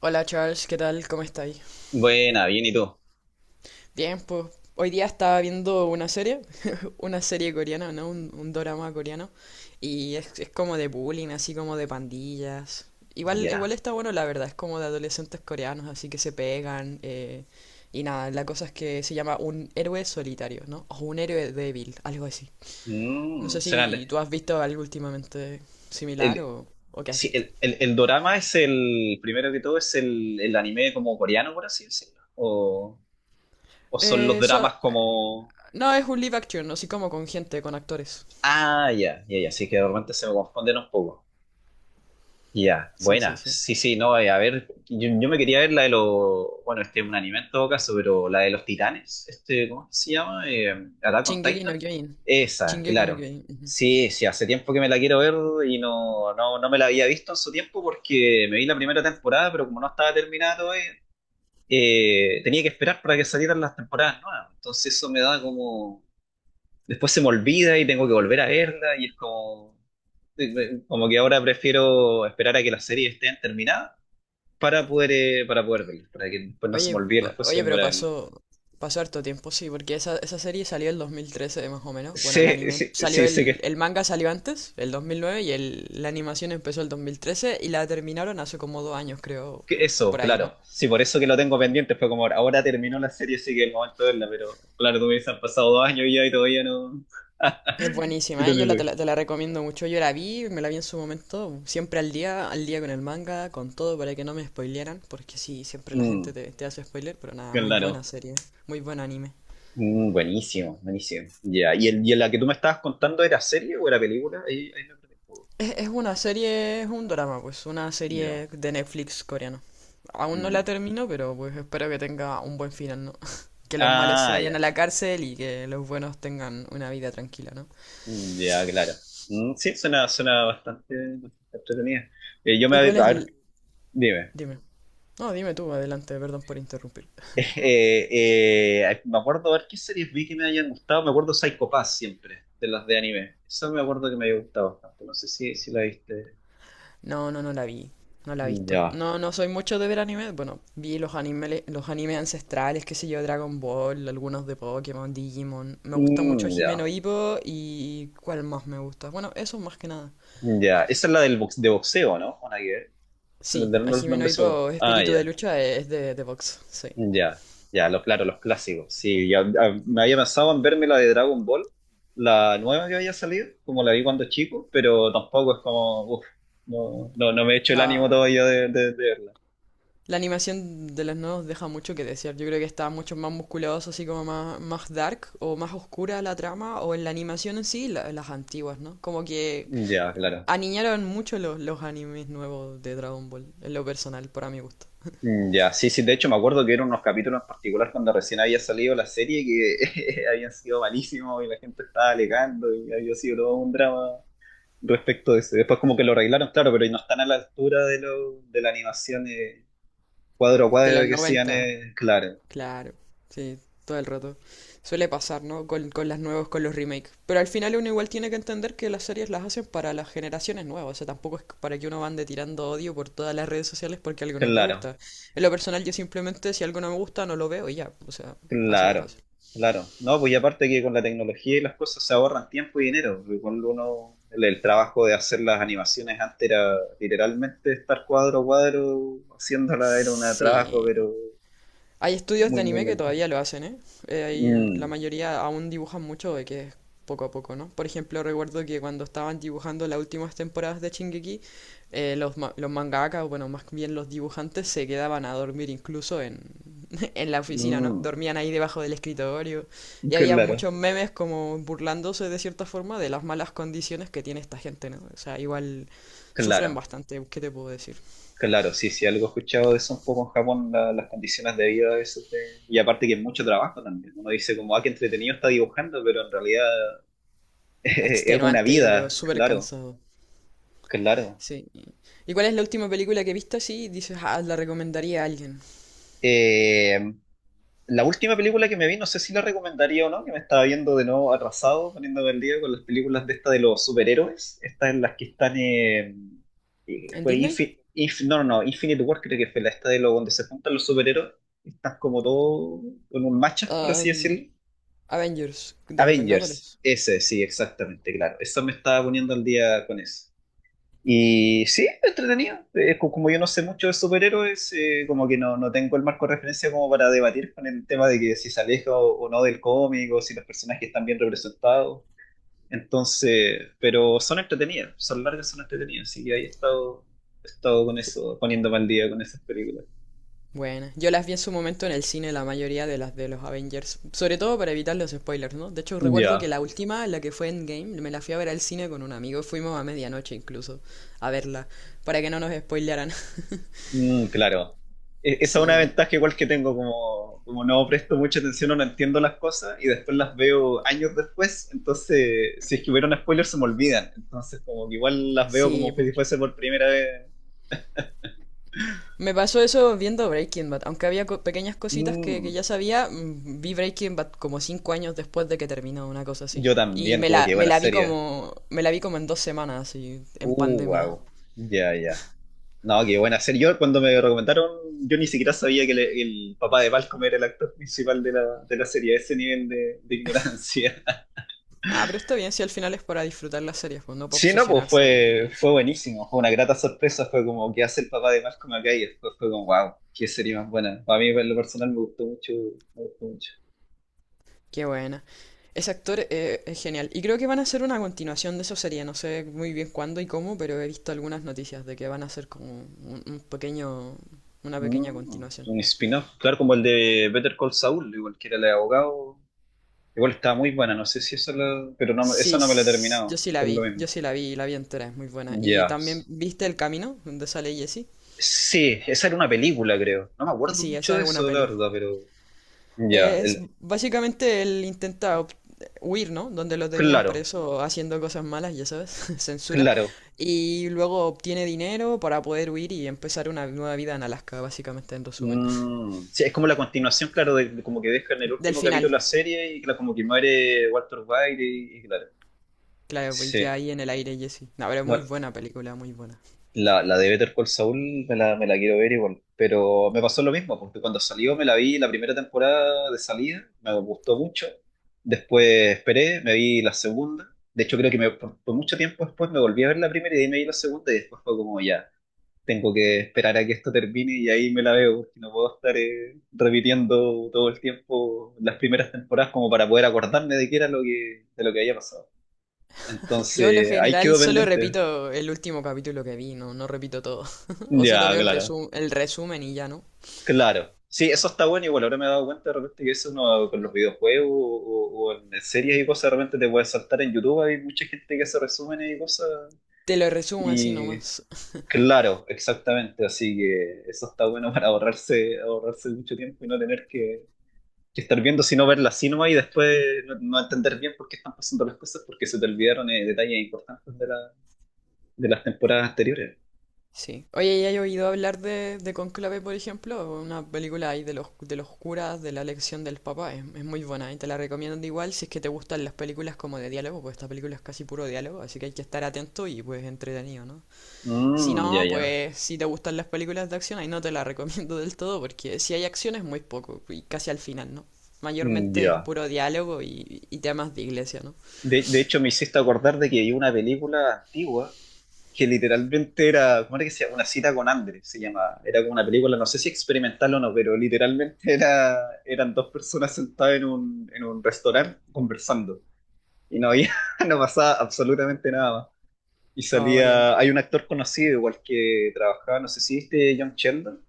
Hola Charles, ¿qué tal? ¿Cómo estáis? Buena, bien, ¿y tú? Bien, pues hoy día estaba viendo una serie, una serie coreana, ¿no? Un dorama coreano, y es como de bullying, así como de pandillas. Igual, igual Ya. está bueno, la verdad, es como de adolescentes coreanos, así que se pegan, y nada, la cosa es que se llama un héroe solitario, ¿no? O un héroe débil, algo así. No sé Suena- si tú has visto algo últimamente similar el, o qué has sí, visto. El dorama es primero que todo, es el anime como coreano, por así decirlo. O son los Eh, dramas so- como... no, es un live action, así como con gente, con actores. Ah, ya, ya, ya, sí que de repente se me confunden un poco. Ya, Sí, sí, buena. sí. Sí, sí, no, a ver, yo me quería ver la de los, bueno, este es un anime en todo caso, pero la de los titanes, este, ¿cómo se llama? Attack on Shingeki no Titan. Kyojin. Esa, Shingeki no claro. Kyojin. Ujú. Sí, sí, hace tiempo que me la quiero ver y no me la había visto en su tiempo porque me vi la primera temporada, pero como no estaba terminada todavía, tenía que esperar para que salieran las temporadas nuevas. Entonces eso me da como, después se me olvida y tengo que volver a verla y es como, como que ahora prefiero esperar a que las series estén terminadas para poder verlas, para que después no se me Oye, olvide las cosas oye, y pero volver a verlas. Pasó harto tiempo, sí, porque esa serie salió en 2013 más o menos. Bueno, el Sí, anime sí, salió, sí, sé el manga salió antes, el 2009, y la animación empezó el 2013 y la terminaron hace como dos años, creo, que eso, por ahí, ¿no? claro. Sí, por eso que lo tengo pendiente, fue como ahora, ahora terminó la serie, así que es el momento de verla, pero claro, tú me dices, han pasado dos años ya y todavía no... Es Y buenísima, tú ¿eh? no Yo lo la, te ves. la, te la recomiendo mucho. Yo la vi, me la vi en su momento, siempre al día con el manga, con todo, para que no me spoilearan, porque sí, siempre la gente Mm, te hace spoiler, pero nada, muy buena claro. serie, muy buen anime. Mm, buenísimo, buenísimo. Ya, ¿y, el, y la que tú me estabas contando era serie o era película? Ahí, ahí me perdí un poco. Es una serie, es un drama, pues, una Ya. serie de Netflix coreano. Aún no Mm, ya. la termino, pero pues espero que tenga un buen final, ¿no? Que los malos se Ah, vayan a ya. la cárcel y que los buenos tengan una vida tranquila, ¿no? Mm, ya, claro. Mm, sí, suena, suena bastante, bastante entretenida. Yo me, ¿Y a cuál es ver, el...? dime. Dime. No, dime tú, adelante, perdón por interrumpir. Eh, me acuerdo a ver qué series vi que me hayan gustado. Me acuerdo Psycho Pass siempre, de las de anime. Eso me acuerdo que me había gustado bastante. No sé si la viste. No, no, no la vi. No la he visto. Ya. No, no soy mucho de ver anime. Bueno, vi los animes ancestrales, qué sé yo, Dragon Ball, algunos de Pokémon, Digimon. Me gusta mucho Mm, Himeno ya. Hippo y... ¿Cuál más me gusta? Bueno, eso más que nada. Mm, ya. Esa es la del box, de boxeo, ¿no? Una que ver. Se me Sí, olvidaron a los Jimeno nombres solo. Hippo, Ah, espíritu de ya. lucha, es de box, sí. Ya, ya, lo, claro, los clásicos. Sí, ya, ya, me había pensado en verme la de Dragon Ball, la nueva que había salido, como la vi cuando chico, pero tampoco es como, uff, no, me he hecho el ánimo La, todavía de verla. la animación de los nodos deja mucho que desear. Yo creo que está mucho más musculoso, así como más, más dark o más oscura la trama, o en la animación en sí, las antiguas, ¿no? Como que Ya, claro. aniñaron mucho los animes nuevos de Dragon Ball, en lo personal, para mi gusto. Mm, ya, sí, sí, de hecho me acuerdo que eran unos capítulos en particular cuando recién había salido la serie que habían sido malísimos y la gente estaba alegando y había sido todo un drama respecto de eso. Después como que lo arreglaron, claro, pero no están a la altura de la animación cuadro a De los cuadro que hacían, 90. Claro. Claro, sí, todo el rato. Suele pasar, ¿no? Con las nuevas, con los remakes. Pero al final uno igual tiene que entender que las series las hacen para las generaciones nuevas. O sea, tampoco es para que uno ande tirando odio por todas las redes sociales porque algo no te Claro, gusta. En lo personal, yo simplemente si algo no me gusta, no lo veo y ya. O sea, así de claro, fácil. claro. No, pues y aparte que con la tecnología y las cosas se ahorran tiempo y dinero, porque cuando uno, el trabajo de hacer las animaciones antes era literalmente estar cuadro a cuadro haciéndola, era un trabajo, Sí. pero Hay estudios de muy, muy anime que lento. todavía lo hacen, ¿eh? La Mm, mayoría aún dibujan mucho de que es poco a poco, ¿no? Por ejemplo, recuerdo que cuando estaban dibujando las últimas temporadas de Shingeki, los mangakas, o bueno, más bien los dibujantes, se quedaban a dormir incluso en, en la oficina, ¿no? mm, Dormían ahí debajo del escritorio. Y había claro, muchos memes como burlándose de cierta forma de las malas condiciones que tiene esta gente, ¿no? O sea, igual sufren claro, bastante, ¿qué te puedo decir? claro. Sí, sí, algo he escuchado de eso un poco en Japón, la- las condiciones de vida de eso. De- y aparte que es mucho trabajo también. Uno dice como, ah, qué entretenido está dibujando, pero en realidad es una Extenuante, yo creo, vida, súper claro. cansado. Claro. Sí. ¿Y cuál es la última película que he visto así? Dices, ah, la recomendaría a alguien. Eh, la última película que me vi, no sé si la recomendaría o no, que me estaba viendo de nuevo atrasado, poniéndome al día con las películas de esta de los superhéroes, estas en las que están, ¿En fue Disney? Infi- Inf- no, no, no, Infinite War creo que fue la esta de lo donde se juntan los superhéroes, están como todos en un matchup, por así Am, decirlo. Avengers, de los Avengers, Vengadores. ese, sí, exactamente, claro, eso me estaba poniendo al día con eso. Y sí, entretenido. Es co- como yo no sé mucho de superhéroes, como que no, no tengo el marco de referencia como para debatir con el tema de que si se aleja o no del cómic, o si los personajes están bien representados. Entonces, pero son entretenidas, son largas, son entretenidas. Así que ahí he estado con eso, poniéndome al día con esas películas. Buena. Yo las vi en su momento en el cine, la mayoría de las de los Avengers. Sobre todo para evitar los spoilers, ¿no? De hecho, recuerdo que Ya. la última, la que fue Endgame, me la fui a ver al cine con un amigo. Fuimos a medianoche incluso a verla, para que no nos spoilearan. Mm, claro. E- esa es una Sí, ventaja igual que tengo, como, como no presto mucha atención o no entiendo las cosas y después las veo años después, entonces si es que hubiera un spoiler se me olvidan, entonces como que igual las veo sí, como po. si fuese por primera vez. Me pasó eso viendo Breaking Bad, aunque había pequeñas cositas que Mm, ya sabía, mm, vi Breaking Bad como cinco años después de que terminó, una cosa así. yo Y también, como que me buena la vi serie. Me la vi como en dos semanas, así, en pandemia. Wow. Ya, ya. No, qué buena serie. Yo cuando me recomendaron, yo ni siquiera sabía que le- el papá de Malcolm era el actor principal de la serie, a ese nivel de ignorancia. Ah, pero está bien, si al final es para disfrutar las series, pues no para Sí, no, pues obsesionarse y... fue, eso. fue buenísimo, fue una grata sorpresa, fue como que hace el papá de Malcolm acá y después fue como, wow, qué serie más buena. A mí en lo personal me gustó mucho, me gustó mucho. Qué buena. Ese actor, es genial. Y creo que van a hacer una continuación de esa serie, no sé muy bien cuándo y cómo, pero he visto algunas noticias de que van a hacer como un pequeño, una pequeña Mm, continuación. un spin-off, claro, como el de Better Call Saul, igual que era el de abogado, igual estaba muy buena, no sé si eso la, pero no, Sí, esa no me la he yo terminado, sí la por lo vi, yo mismo. sí la vi entera, es muy buena. Y Ya. también, ¿viste El Camino, donde sale Jesse? Sí, esa era una película, creo. No me acuerdo Sí, mucho esa de es una eso, la peli. verdad, pero ya, Es el- básicamente huir, ¿no? Donde lo tenían claro, preso haciendo cosas malas, ya sabes, censura. claro. Y luego obtiene dinero para poder huir y empezar una nueva vida en Alaska, básicamente, en resumen. Mm, sí, es como la continuación, claro, de como que deja en el Del último capítulo final, la serie y claro, como que muere Walter White y claro. claro, y que Sí, ahí en el aire Jesse. No, pero no, muy buena película, muy buena. La de Better Call Saul me la quiero ver igual, pero me pasó lo mismo, porque cuando salió me la vi la primera temporada de salida, me gustó mucho, después esperé, me vi la segunda, de hecho creo que me- por mucho tiempo después me volví a ver la primera y de ahí me vi la segunda y después fue como ya, tengo que esperar a que esto termine y ahí me la veo, porque no puedo estar repitiendo todo el tiempo las primeras temporadas como para poder acordarme de qué era lo que, de lo que había pasado. Yo, en lo Entonces, ahí general, quedó solo pendiente. repito el último capítulo que vi, no, no repito todo. O solo Ya, veo claro, el resumen y ya, ¿no? claro. Sí, eso está bueno, igual ahora me he dado cuenta de repente que eso uno con los videojuegos o- en series y cosas, de repente te puedes saltar en YouTube, hay mucha gente que hace resúmenes y cosas. Te lo resumo así Y nomás. claro, exactamente, así que eso está bueno para ahorrarse, ahorrarse mucho tiempo y no tener que estar viendo, sino verla así nomás y después no, no entender bien por qué están pasando las cosas, porque se te olvidaron detalles importantes de las temporadas anteriores. Sí. Oye, ¿ya has oído hablar de Cónclave, por ejemplo? Una película ahí de los curas, de la elección del Papa. Es muy buena y te la recomiendo igual si es que te gustan las películas como de diálogo, pues esta película es casi puro diálogo, así que hay que estar atento y pues entretenido, ¿no? Si Mm, ya, no, ya. pues si te gustan las películas de acción, ahí no te la recomiendo del todo porque si hay acción es muy poco y casi al final, ¿no? Mm, Mayormente es ya. puro diálogo y temas de iglesia, ¿no? De hecho, me hiciste acordar de que hay una película antigua que literalmente era, ¿cómo era que se llama? Una cita con Andrés se llama. Era como una película, no sé si experimental o no, pero literalmente era, eran dos personas sentadas en un restaurante conversando. Y no había, no pasaba absolutamente nada. Y Ah, vaya, no. salía, hay un actor conocido igual que trabajaba, no sé si viste John Sheldon,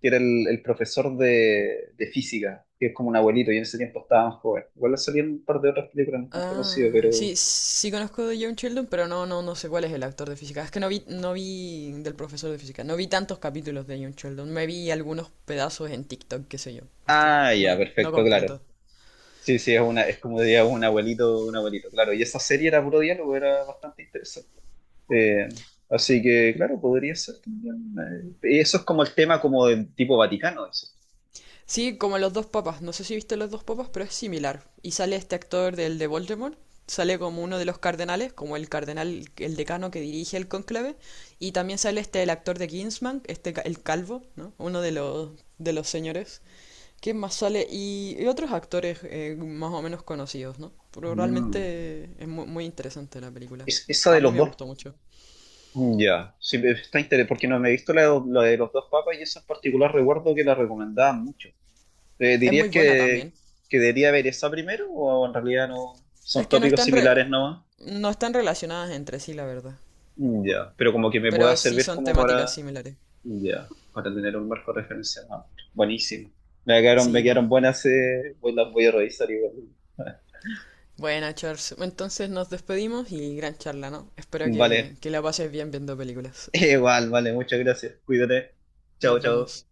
que era el profesor de física, que es como un abuelito, y en ese tiempo estaba más joven. Igual salían un par de otras películas no tan conocidas, Ah, sí, pero... sí conozco de John Sheldon, pero no, no, no sé cuál es el actor de física. Es que no vi, no vi del profesor de física, no vi tantos capítulos de John Sheldon, me vi algunos pedazos en TikTok, qué sé yo, ¿viste? Ah, ya, No, no perfecto, claro. completo. Sí, sí, es una, es como diría un abuelito, claro. Y esa serie era puro diálogo, era bastante interesante. Eh, así que, claro, podría ser también. Eso es como el tema como del tipo Vaticano, dices. Sí, como Los Dos Papas. No sé si viste Los Dos Papas, pero es similar. Y sale este actor del de Voldemort. Sale como uno de los cardenales, como el cardenal, el decano que dirige el cónclave. Y también sale este, el actor de Kingsman, este, el calvo, ¿no? Uno de los señores. ¿Quién más sale? Y otros actores, más o menos conocidos, ¿no? Pero Mm. realmente es muy interesante la película. Es, esa A de mí los me dos. gustó mucho. Ya, sí, está interesante, porque no me he visto la de los dos papas y esa en particular recuerdo que la recomendaban mucho. Es muy ¿Dirías buena también. Que debería ver esa primero o en realidad no? Es Son que no tópicos están, similares nomás. no están relacionadas entre sí, la verdad. Ya, pero como que me Pero pueda sí servir son como temáticas para, similares. ya, para tener un marco de referencia. Ah, buenísimo. Me Sí, pues. quedaron buenas, voy- las voy a revisar igual. Bueno, Charles, entonces nos despedimos y gran charla, ¿no? Espero Vale, que la pases bien viendo películas. igual, vale, muchas gracias. Cuídate. Chao, Nos chao. vemos.